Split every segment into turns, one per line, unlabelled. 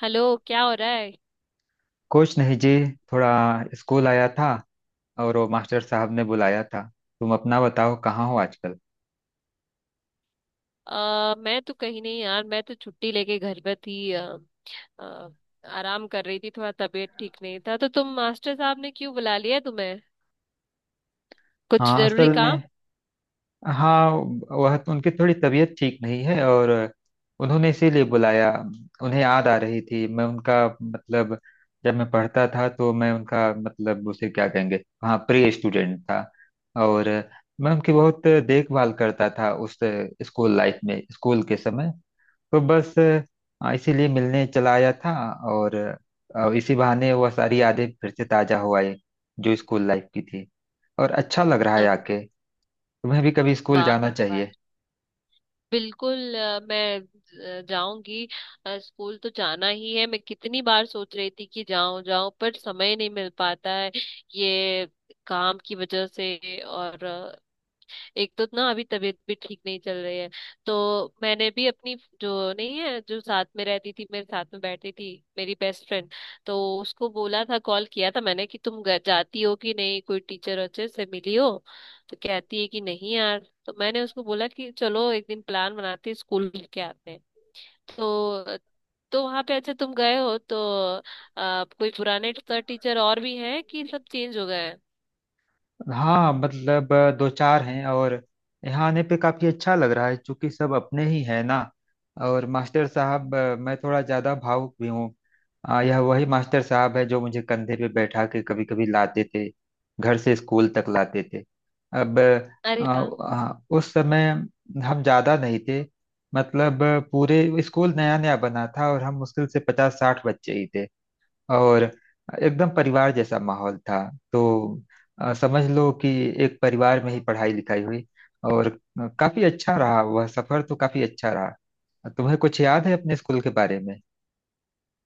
Hello, क्या हो रहा है?
कुछ नहीं जी। थोड़ा स्कूल आया था। और वो मास्टर साहब ने बुलाया था। तुम अपना बताओ कहाँ हो आजकल।
मैं तो कहीं नहीं यार। मैं तो छुट्टी लेके घर पे थी। अ, आराम कर रही थी, थोड़ा तबीयत ठीक नहीं था। तो तुम, मास्टर साहब ने क्यों बुला लिया तुम्हें? कुछ
हाँ
जरूरी
असल में।
काम?
हाँ। वह तो उनकी थोड़ी तबीयत ठीक नहीं है और उन्होंने इसीलिए बुलाया। उन्हें याद आ रही थी। मैं उनका मतलब जब मैं पढ़ता था तो मैं उनका मतलब उसे क्या कहेंगे, हाँ, प्री स्टूडेंट था। और मैं उनकी बहुत देखभाल करता था उस स्कूल लाइफ में, स्कूल के समय। तो बस इसीलिए मिलने चला आया था। और इसी बहाने वह सारी यादें फिर से ताजा हो आई जो स्कूल लाइफ की थी। और अच्छा लग रहा
अ,
है आके। तुम्हें भी कभी स्कूल
वाह
जाना
क्या
चाहिए।
बात। बिल्कुल। जाऊंगी। स्कूल तो जाना ही है। मैं कितनी बार सोच रही थी कि जाऊं जाऊं, पर समय नहीं मिल पाता है ये, काम की वजह से। और एक तो ना, अभी तबीयत भी ठीक नहीं चल रही है। तो मैंने भी अपनी, जो नहीं है, जो साथ में रहती थी मेरे, साथ में बैठती थी, मेरी बेस्ट फ्रेंड, तो उसको बोला था, कॉल किया था मैंने कि तुम घर जाती हो कि नहीं, कोई टीचर अच्छे से मिली हो। तो कहती है कि नहीं यार। तो मैंने उसको बोला कि चलो एक दिन प्लान बनाते हैं, स्कूल के आते हैं। तो तो वहां पे अच्छा, तुम गए हो तो कोई पुराने टीचर और भी हैं कि सब चेंज हो गए हैं?
हाँ मतलब, दो चार हैं। और यहाँ आने पे काफी अच्छा लग रहा है क्योंकि सब अपने ही हैं ना। और मास्टर साहब, मैं थोड़ा ज्यादा भावुक भी हूँ। यह वही मास्टर साहब है जो मुझे कंधे पे बैठा के कभी कभी लाते थे, घर से स्कूल तक लाते थे। अब आ,
अरे,
आ, उस समय हम ज्यादा नहीं थे। मतलब पूरे स्कूल नया नया बना था और हम मुश्किल से पचास साठ बच्चे ही थे। और एकदम परिवार जैसा माहौल था। तो समझ लो कि एक परिवार में ही पढ़ाई लिखाई हुई। और काफी अच्छा रहा वह सफर। तो काफी अच्छा रहा। तुम्हें कुछ याद है अपने स्कूल के बारे में।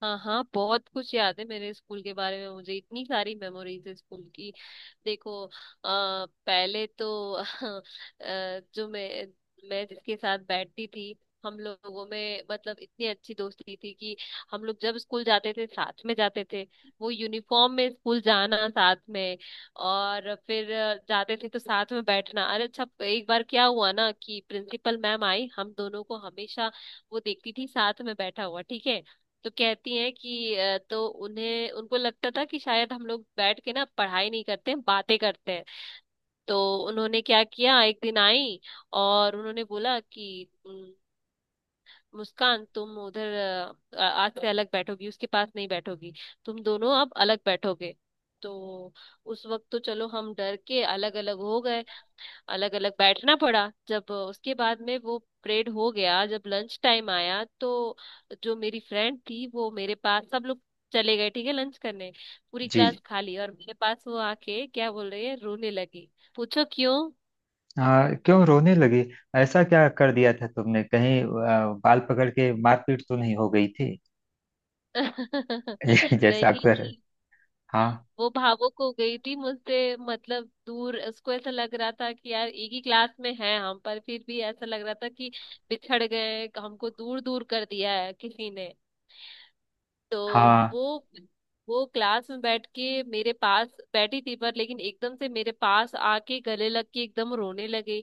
हाँ हाँ, बहुत कुछ याद है मेरे स्कूल के बारे में। मुझे इतनी सारी मेमोरीज है स्कूल की। देखो, पहले तो जो मैं जिसके साथ बैठती थी, हम लोगों में मतलब इतनी अच्छी दोस्ती थी कि हम लोग जब स्कूल जाते थे साथ में जाते थे, वो यूनिफॉर्म में स्कूल जाना साथ में। और फिर जाते थे तो साथ में बैठना। अरे अच्छा, एक बार क्या हुआ ना कि प्रिंसिपल मैम आई। हम दोनों को हमेशा वो देखती थी साथ में बैठा हुआ, ठीक है? तो कहती हैं कि तो उन्हें, उनको लगता था कि शायद हम लोग बैठ के ना पढ़ाई नहीं करते हैं, बातें करते हैं। तो उन्होंने क्या किया, एक दिन आई और उन्होंने बोला कि " मुस्कान, तुम उधर, आज से अलग बैठोगी, उसके पास नहीं बैठोगी, तुम दोनों अब अलग बैठोगे। तो उस वक्त तो चलो, हम डर के अलग अलग हो गए, अलग अलग बैठना पड़ा। जब उसके बाद में वो परेड हो गया, जब लंच टाइम आया, तो जो मेरी फ्रेंड थी वो मेरे पास, सब लोग चले गए ठीक है लंच करने, पूरी
जी।
क्लास खाली, और मेरे पास वो आके क्या बोल रही है, रोने लगी। पूछो क्यों।
हाँ क्यों रोने लगी? ऐसा क्या कर दिया था तुमने, कहीं बाल पकड़ के मारपीट तो नहीं हो गई थी? जैसा अक्सर है।
नहीं,
हाँ।
वो भावुक हो गई थी मुझसे मतलब दूर। उसको ऐसा लग रहा था कि यार एक ही क्लास में है हम, पर फिर भी ऐसा लग रहा था कि बिछड़ गए, हमको दूर दूर कर दिया है किसी ने। तो
हाँ।
वो क्लास में बैठ के मेरे पास बैठी थी पर, लेकिन एकदम से मेरे पास आके गले लग के एकदम रोने लगी।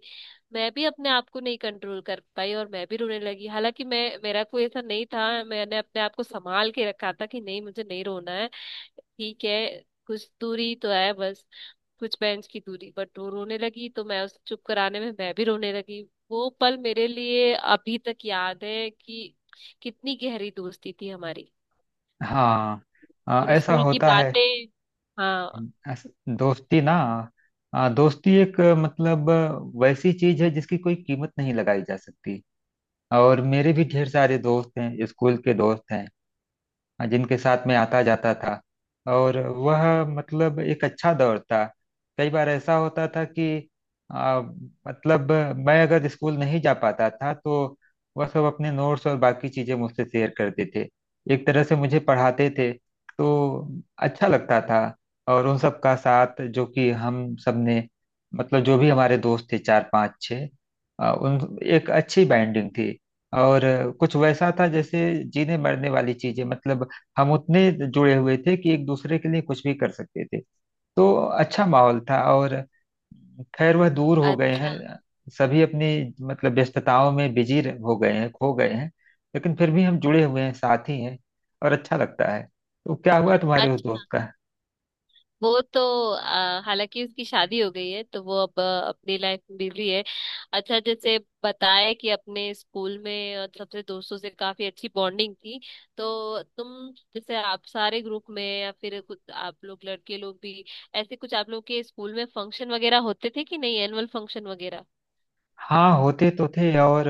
मैं भी अपने आप को नहीं कंट्रोल कर पाई, और मैं भी रोने लगी। हालांकि मैं, मेरा कोई ऐसा नहीं था, मैंने अपने आप को संभाल के रखा था कि नहीं, मुझे नहीं रोना है, ठीक है, कुछ दूरी तो है बस, कुछ बेंच की दूरी। बट वो रोने लगी तो मैं उसे चुप कराने में मैं भी रोने लगी। वो पल मेरे लिए अभी तक याद है कि कितनी गहरी दोस्ती थी हमारी।
हाँ
और
ऐसा
स्कूल की
होता है।
बातें, हाँ।
अस- दोस्ती ना, दोस्ती एक मतलब वैसी चीज है जिसकी कोई कीमत नहीं लगाई जा सकती। और मेरे भी ढेर सारे दोस्त हैं, स्कूल के दोस्त हैं जिनके साथ में आता जाता था। और वह मतलब एक अच्छा दौर था। कई बार ऐसा होता था कि मतलब मैं अगर स्कूल नहीं जा पाता था तो वह सब अपने नोट्स और बाकी चीज़ें मुझसे शेयर करते थे। एक तरह से मुझे पढ़ाते थे। तो अच्छा लगता था। और उन सब का साथ जो कि हम सब ने, मतलब जो भी हमारे दोस्त थे, चार पांच छः, उन एक अच्छी बाइंडिंग थी। और कुछ वैसा था जैसे जीने मरने वाली चीजें। मतलब हम उतने जुड़े हुए थे कि एक दूसरे के लिए कुछ भी कर सकते थे। तो अच्छा माहौल था। और खैर वह दूर हो गए
अच्छा।
हैं, सभी अपनी मतलब व्यस्तताओं में हो गए हैं, खो गए हैं। लेकिन फिर भी हम जुड़े हुए हैं, साथ ही हैं। और अच्छा लगता है। तो क्या हुआ तुम्हारे उस दोस्त
अच्छा,
का?
वो तो हालांकि उसकी शादी हो गई है तो वो अब अपनी लाइफ में बिजी है। अच्छा, जैसे बताए कि अपने स्कूल में और सबसे, दोस्तों से काफी अच्छी बॉन्डिंग थी तो तुम, जैसे आप सारे ग्रुप में, या फिर कुछ आप लोग, लड़के लोग भी, ऐसे कुछ आप लोग के स्कूल में फंक्शन वगैरह होते थे कि नहीं, एनुअल फंक्शन वगैरह?
हाँ होते तो थे। और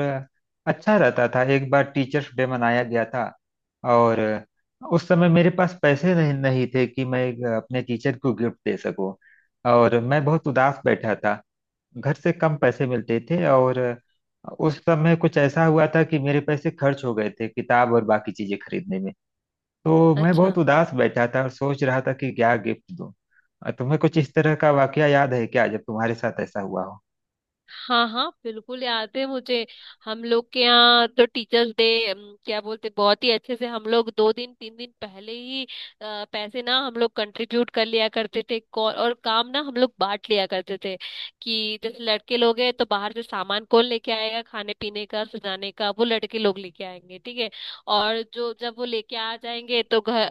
अच्छा रहता था। एक बार टीचर्स डे मनाया गया था। और उस समय मेरे पास पैसे नहीं नहीं थे कि मैं एक अपने टीचर को गिफ्ट दे सकूं। और मैं बहुत उदास बैठा था। घर से कम पैसे मिलते थे। और उस समय कुछ ऐसा हुआ था कि मेरे पैसे खर्च हो गए थे किताब और बाकी चीजें खरीदने में। तो मैं
अच्छा।
बहुत उदास बैठा था और सोच रहा था कि क्या गिफ्ट दूं। तुम्हें कुछ इस तरह का वाकया याद है क्या जब तुम्हारे साथ ऐसा हुआ हो?
हाँ हाँ, बिल्कुल याद है मुझे। हम लोग के यहाँ तो टीचर्स डे, क्या बोलते, बहुत ही अच्छे से हम लोग दो दिन तीन दिन पहले ही पैसे ना हम लोग कंट्रीब्यूट कर लिया करते थे, और काम ना हम लोग बांट लिया करते थे कि जैसे लड़के लोग हैं तो बाहर से सामान कौन लेके आएगा, खाने पीने का, सजाने का, वो लड़के लोग लेके आएंगे ठीक है, और जो जब वो लेके आ जाएंगे तो घर,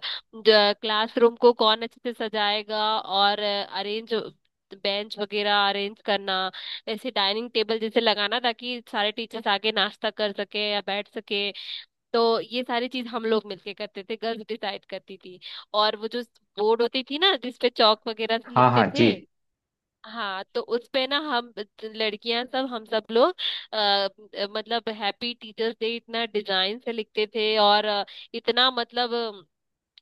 क्लासरूम को कौन अच्छे से सजाएगा, और अरेंज, बेंच वगैरह अरेंज करना, ऐसे डाइनिंग टेबल जैसे लगाना ताकि सारे टीचर्स आके नाश्ता कर सके या बैठ सके। तो ये सारी चीज हम लोग मिलके करते थे, गर्ल्स डिसाइड करती थी। और वो जो बोर्ड होती थी ना, जिसपे चौक वगैरह से
हाँ
लिखते
हाँ जी।
थे, हाँ, तो उस पे ना, हम लड़कियां सब, हम सब लोग मतलब हैप्पी टीचर्स डे इतना डिजाइन से लिखते थे, और इतना मतलब,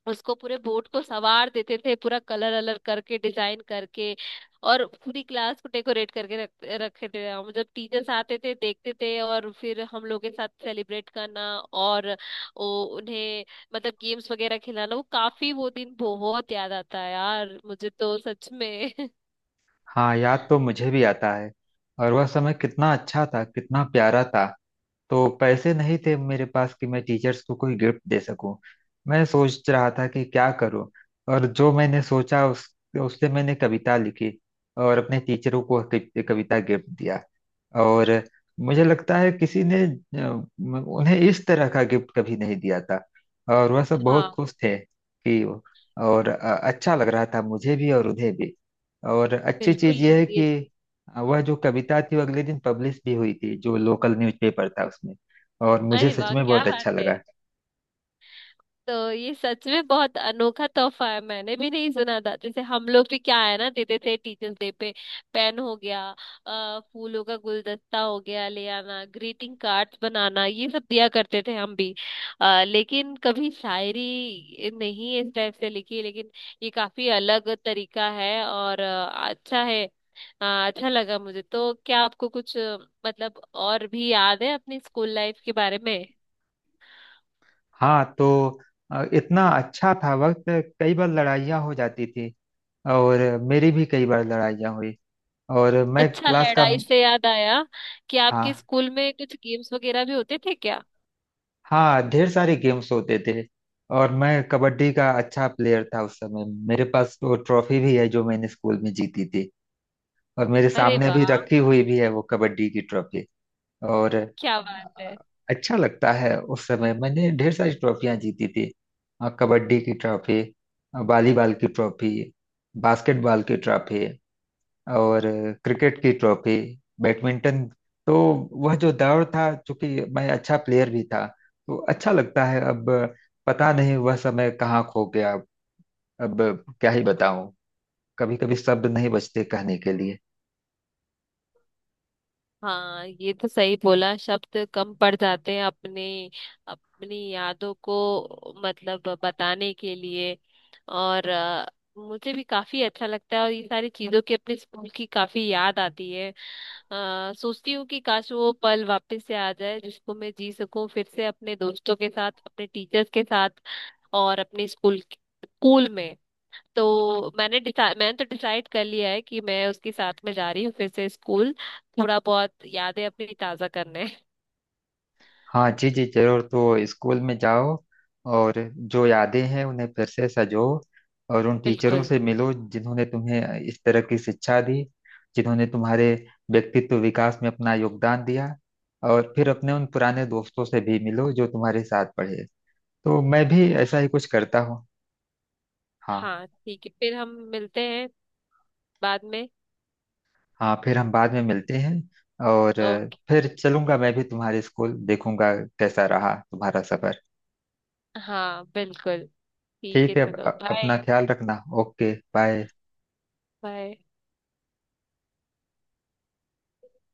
उसको पूरे बोर्ड को सवार देते थे, पूरा कलर अलर करके, डिजाइन करके, और पूरी क्लास को डेकोरेट करके रख, रखे थे हम। जब टीचर्स आते थे देखते थे, और फिर हम लोग के साथ सेलिब्रेट करना, और वो उन्हें मतलब गेम्स वगैरह खिलाना। वो काफी, वो दिन बहुत याद आता है यार मुझे तो, सच में।
हाँ याद तो मुझे भी आता है। और वह समय कितना अच्छा था, कितना प्यारा था। तो पैसे नहीं थे मेरे पास कि मैं टीचर्स को कोई गिफ्ट दे सकूं। मैं सोच रहा था कि क्या करूं। और जो मैंने सोचा, उस उससे मैंने कविता लिखी। और अपने टीचरों को कविता गिफ्ट दिया। और मुझे लगता है किसी ने उन्हें इस तरह का गिफ्ट कभी नहीं दिया था। और वह सब बहुत
हाँ,
खुश थे कि। और अच्छा लग रहा था मुझे भी और उन्हें भी। और अच्छी
बिल्कुल।
चीज यह है
ये,
कि वह जो कविता थी वो अगले दिन पब्लिश भी हुई थी जो लोकल न्यूज़पेपर था उसमें। और मुझे
अरे
सच
वाह
में
क्या
बहुत
बात
अच्छा
है।
लगा।
तो ये सच में बहुत अनोखा तोहफा है, मैंने भी नहीं सुना था। जैसे हम लोग भी क्या है ना, देते थे टीचर्स डे पे, पेन हो गया, फूलों का गुलदस्ता हो गया ले आना, ग्रीटिंग कार्ड्स बनाना, ये सब दिया करते थे हम भी। लेकिन कभी शायरी नहीं इस टाइप से लिखी, लेकिन ये काफी अलग तरीका है। और अच्छा है, अच्छा लगा मुझे तो। क्या आपको कुछ मतलब और भी याद है अपनी स्कूल लाइफ के बारे में?
हाँ तो इतना अच्छा था वक्त। कई बार लड़ाइयाँ हो जाती थी। और मेरी भी कई बार लड़ाइयाँ हुई। और मैं
अच्छा,
क्लास का।
लड़ाई से याद आया कि आपके
हाँ।
स्कूल में कुछ गेम्स वगैरह भी होते थे क्या?
हाँ ढेर सारे गेम्स होते थे। और मैं कबड्डी का अच्छा प्लेयर था उस समय। मेरे पास वो ट्रॉफी भी है जो मैंने स्कूल में जीती थी। और मेरे
अरे
सामने अभी
वाह,
रखी हुई भी है वो कबड्डी की ट्रॉफी। और
क्या बात है।
अच्छा लगता है। उस समय मैंने ढेर सारी ट्रॉफियां जीती थी। कबड्डी की ट्रॉफी, वॉलीबॉल की ट्रॉफी, बास्केटबॉल की ट्रॉफी, और क्रिकेट की ट्रॉफी, बैडमिंटन। तो वह जो दौर था, चूंकि मैं अच्छा प्लेयर भी था, तो अच्छा लगता है। अब पता नहीं वह समय कहाँ खो गया। अब क्या ही बताऊं। कभी कभी शब्द नहीं बचते कहने के लिए।
हाँ ये तो सही बोला, शब्द कम पड़ जाते हैं अपने, अपनी यादों को मतलब बताने के लिए। और मुझे भी काफी अच्छा लगता है, और ये सारी चीजों की, अपने स्कूल की काफी याद आती है। सोचती हूँ कि काश वो पल वापस से आ जाए जिसको मैं जी सकूं, फिर से अपने दोस्तों के साथ, अपने टीचर्स के साथ, और अपने स्कूल, स्कूल में। तो मैंने डिसाइड, मैंने तो डिसाइड कर लिया है कि मैं उसके साथ में जा रही हूँ फिर से स्कूल, थोड़ा बहुत यादें अपनी ताजा करने।
हाँ जी जी जरूर, तो स्कूल में जाओ। और जो यादें हैं उन्हें फिर से सजो। और उन टीचरों
बिल्कुल।
से मिलो जिन्होंने तुम्हें इस तरह की शिक्षा दी, जिन्होंने तुम्हारे व्यक्तित्व विकास में अपना योगदान दिया। और फिर अपने उन पुराने दोस्तों से भी मिलो जो तुम्हारे साथ पढ़े। तो मैं भी ऐसा ही कुछ करता हूँ। हाँ।
हाँ ठीक है, फिर हम मिलते हैं बाद में।
हाँ फिर हम बाद में मिलते हैं। और
ओके।
फिर चलूंगा मैं भी, तुम्हारे स्कूल देखूंगा, कैसा रहा तुम्हारा सफर।
हाँ बिल्कुल, ठीक है
ठीक है।
चलो बाय।
अपना ख्याल रखना। Okay bye.
बाय।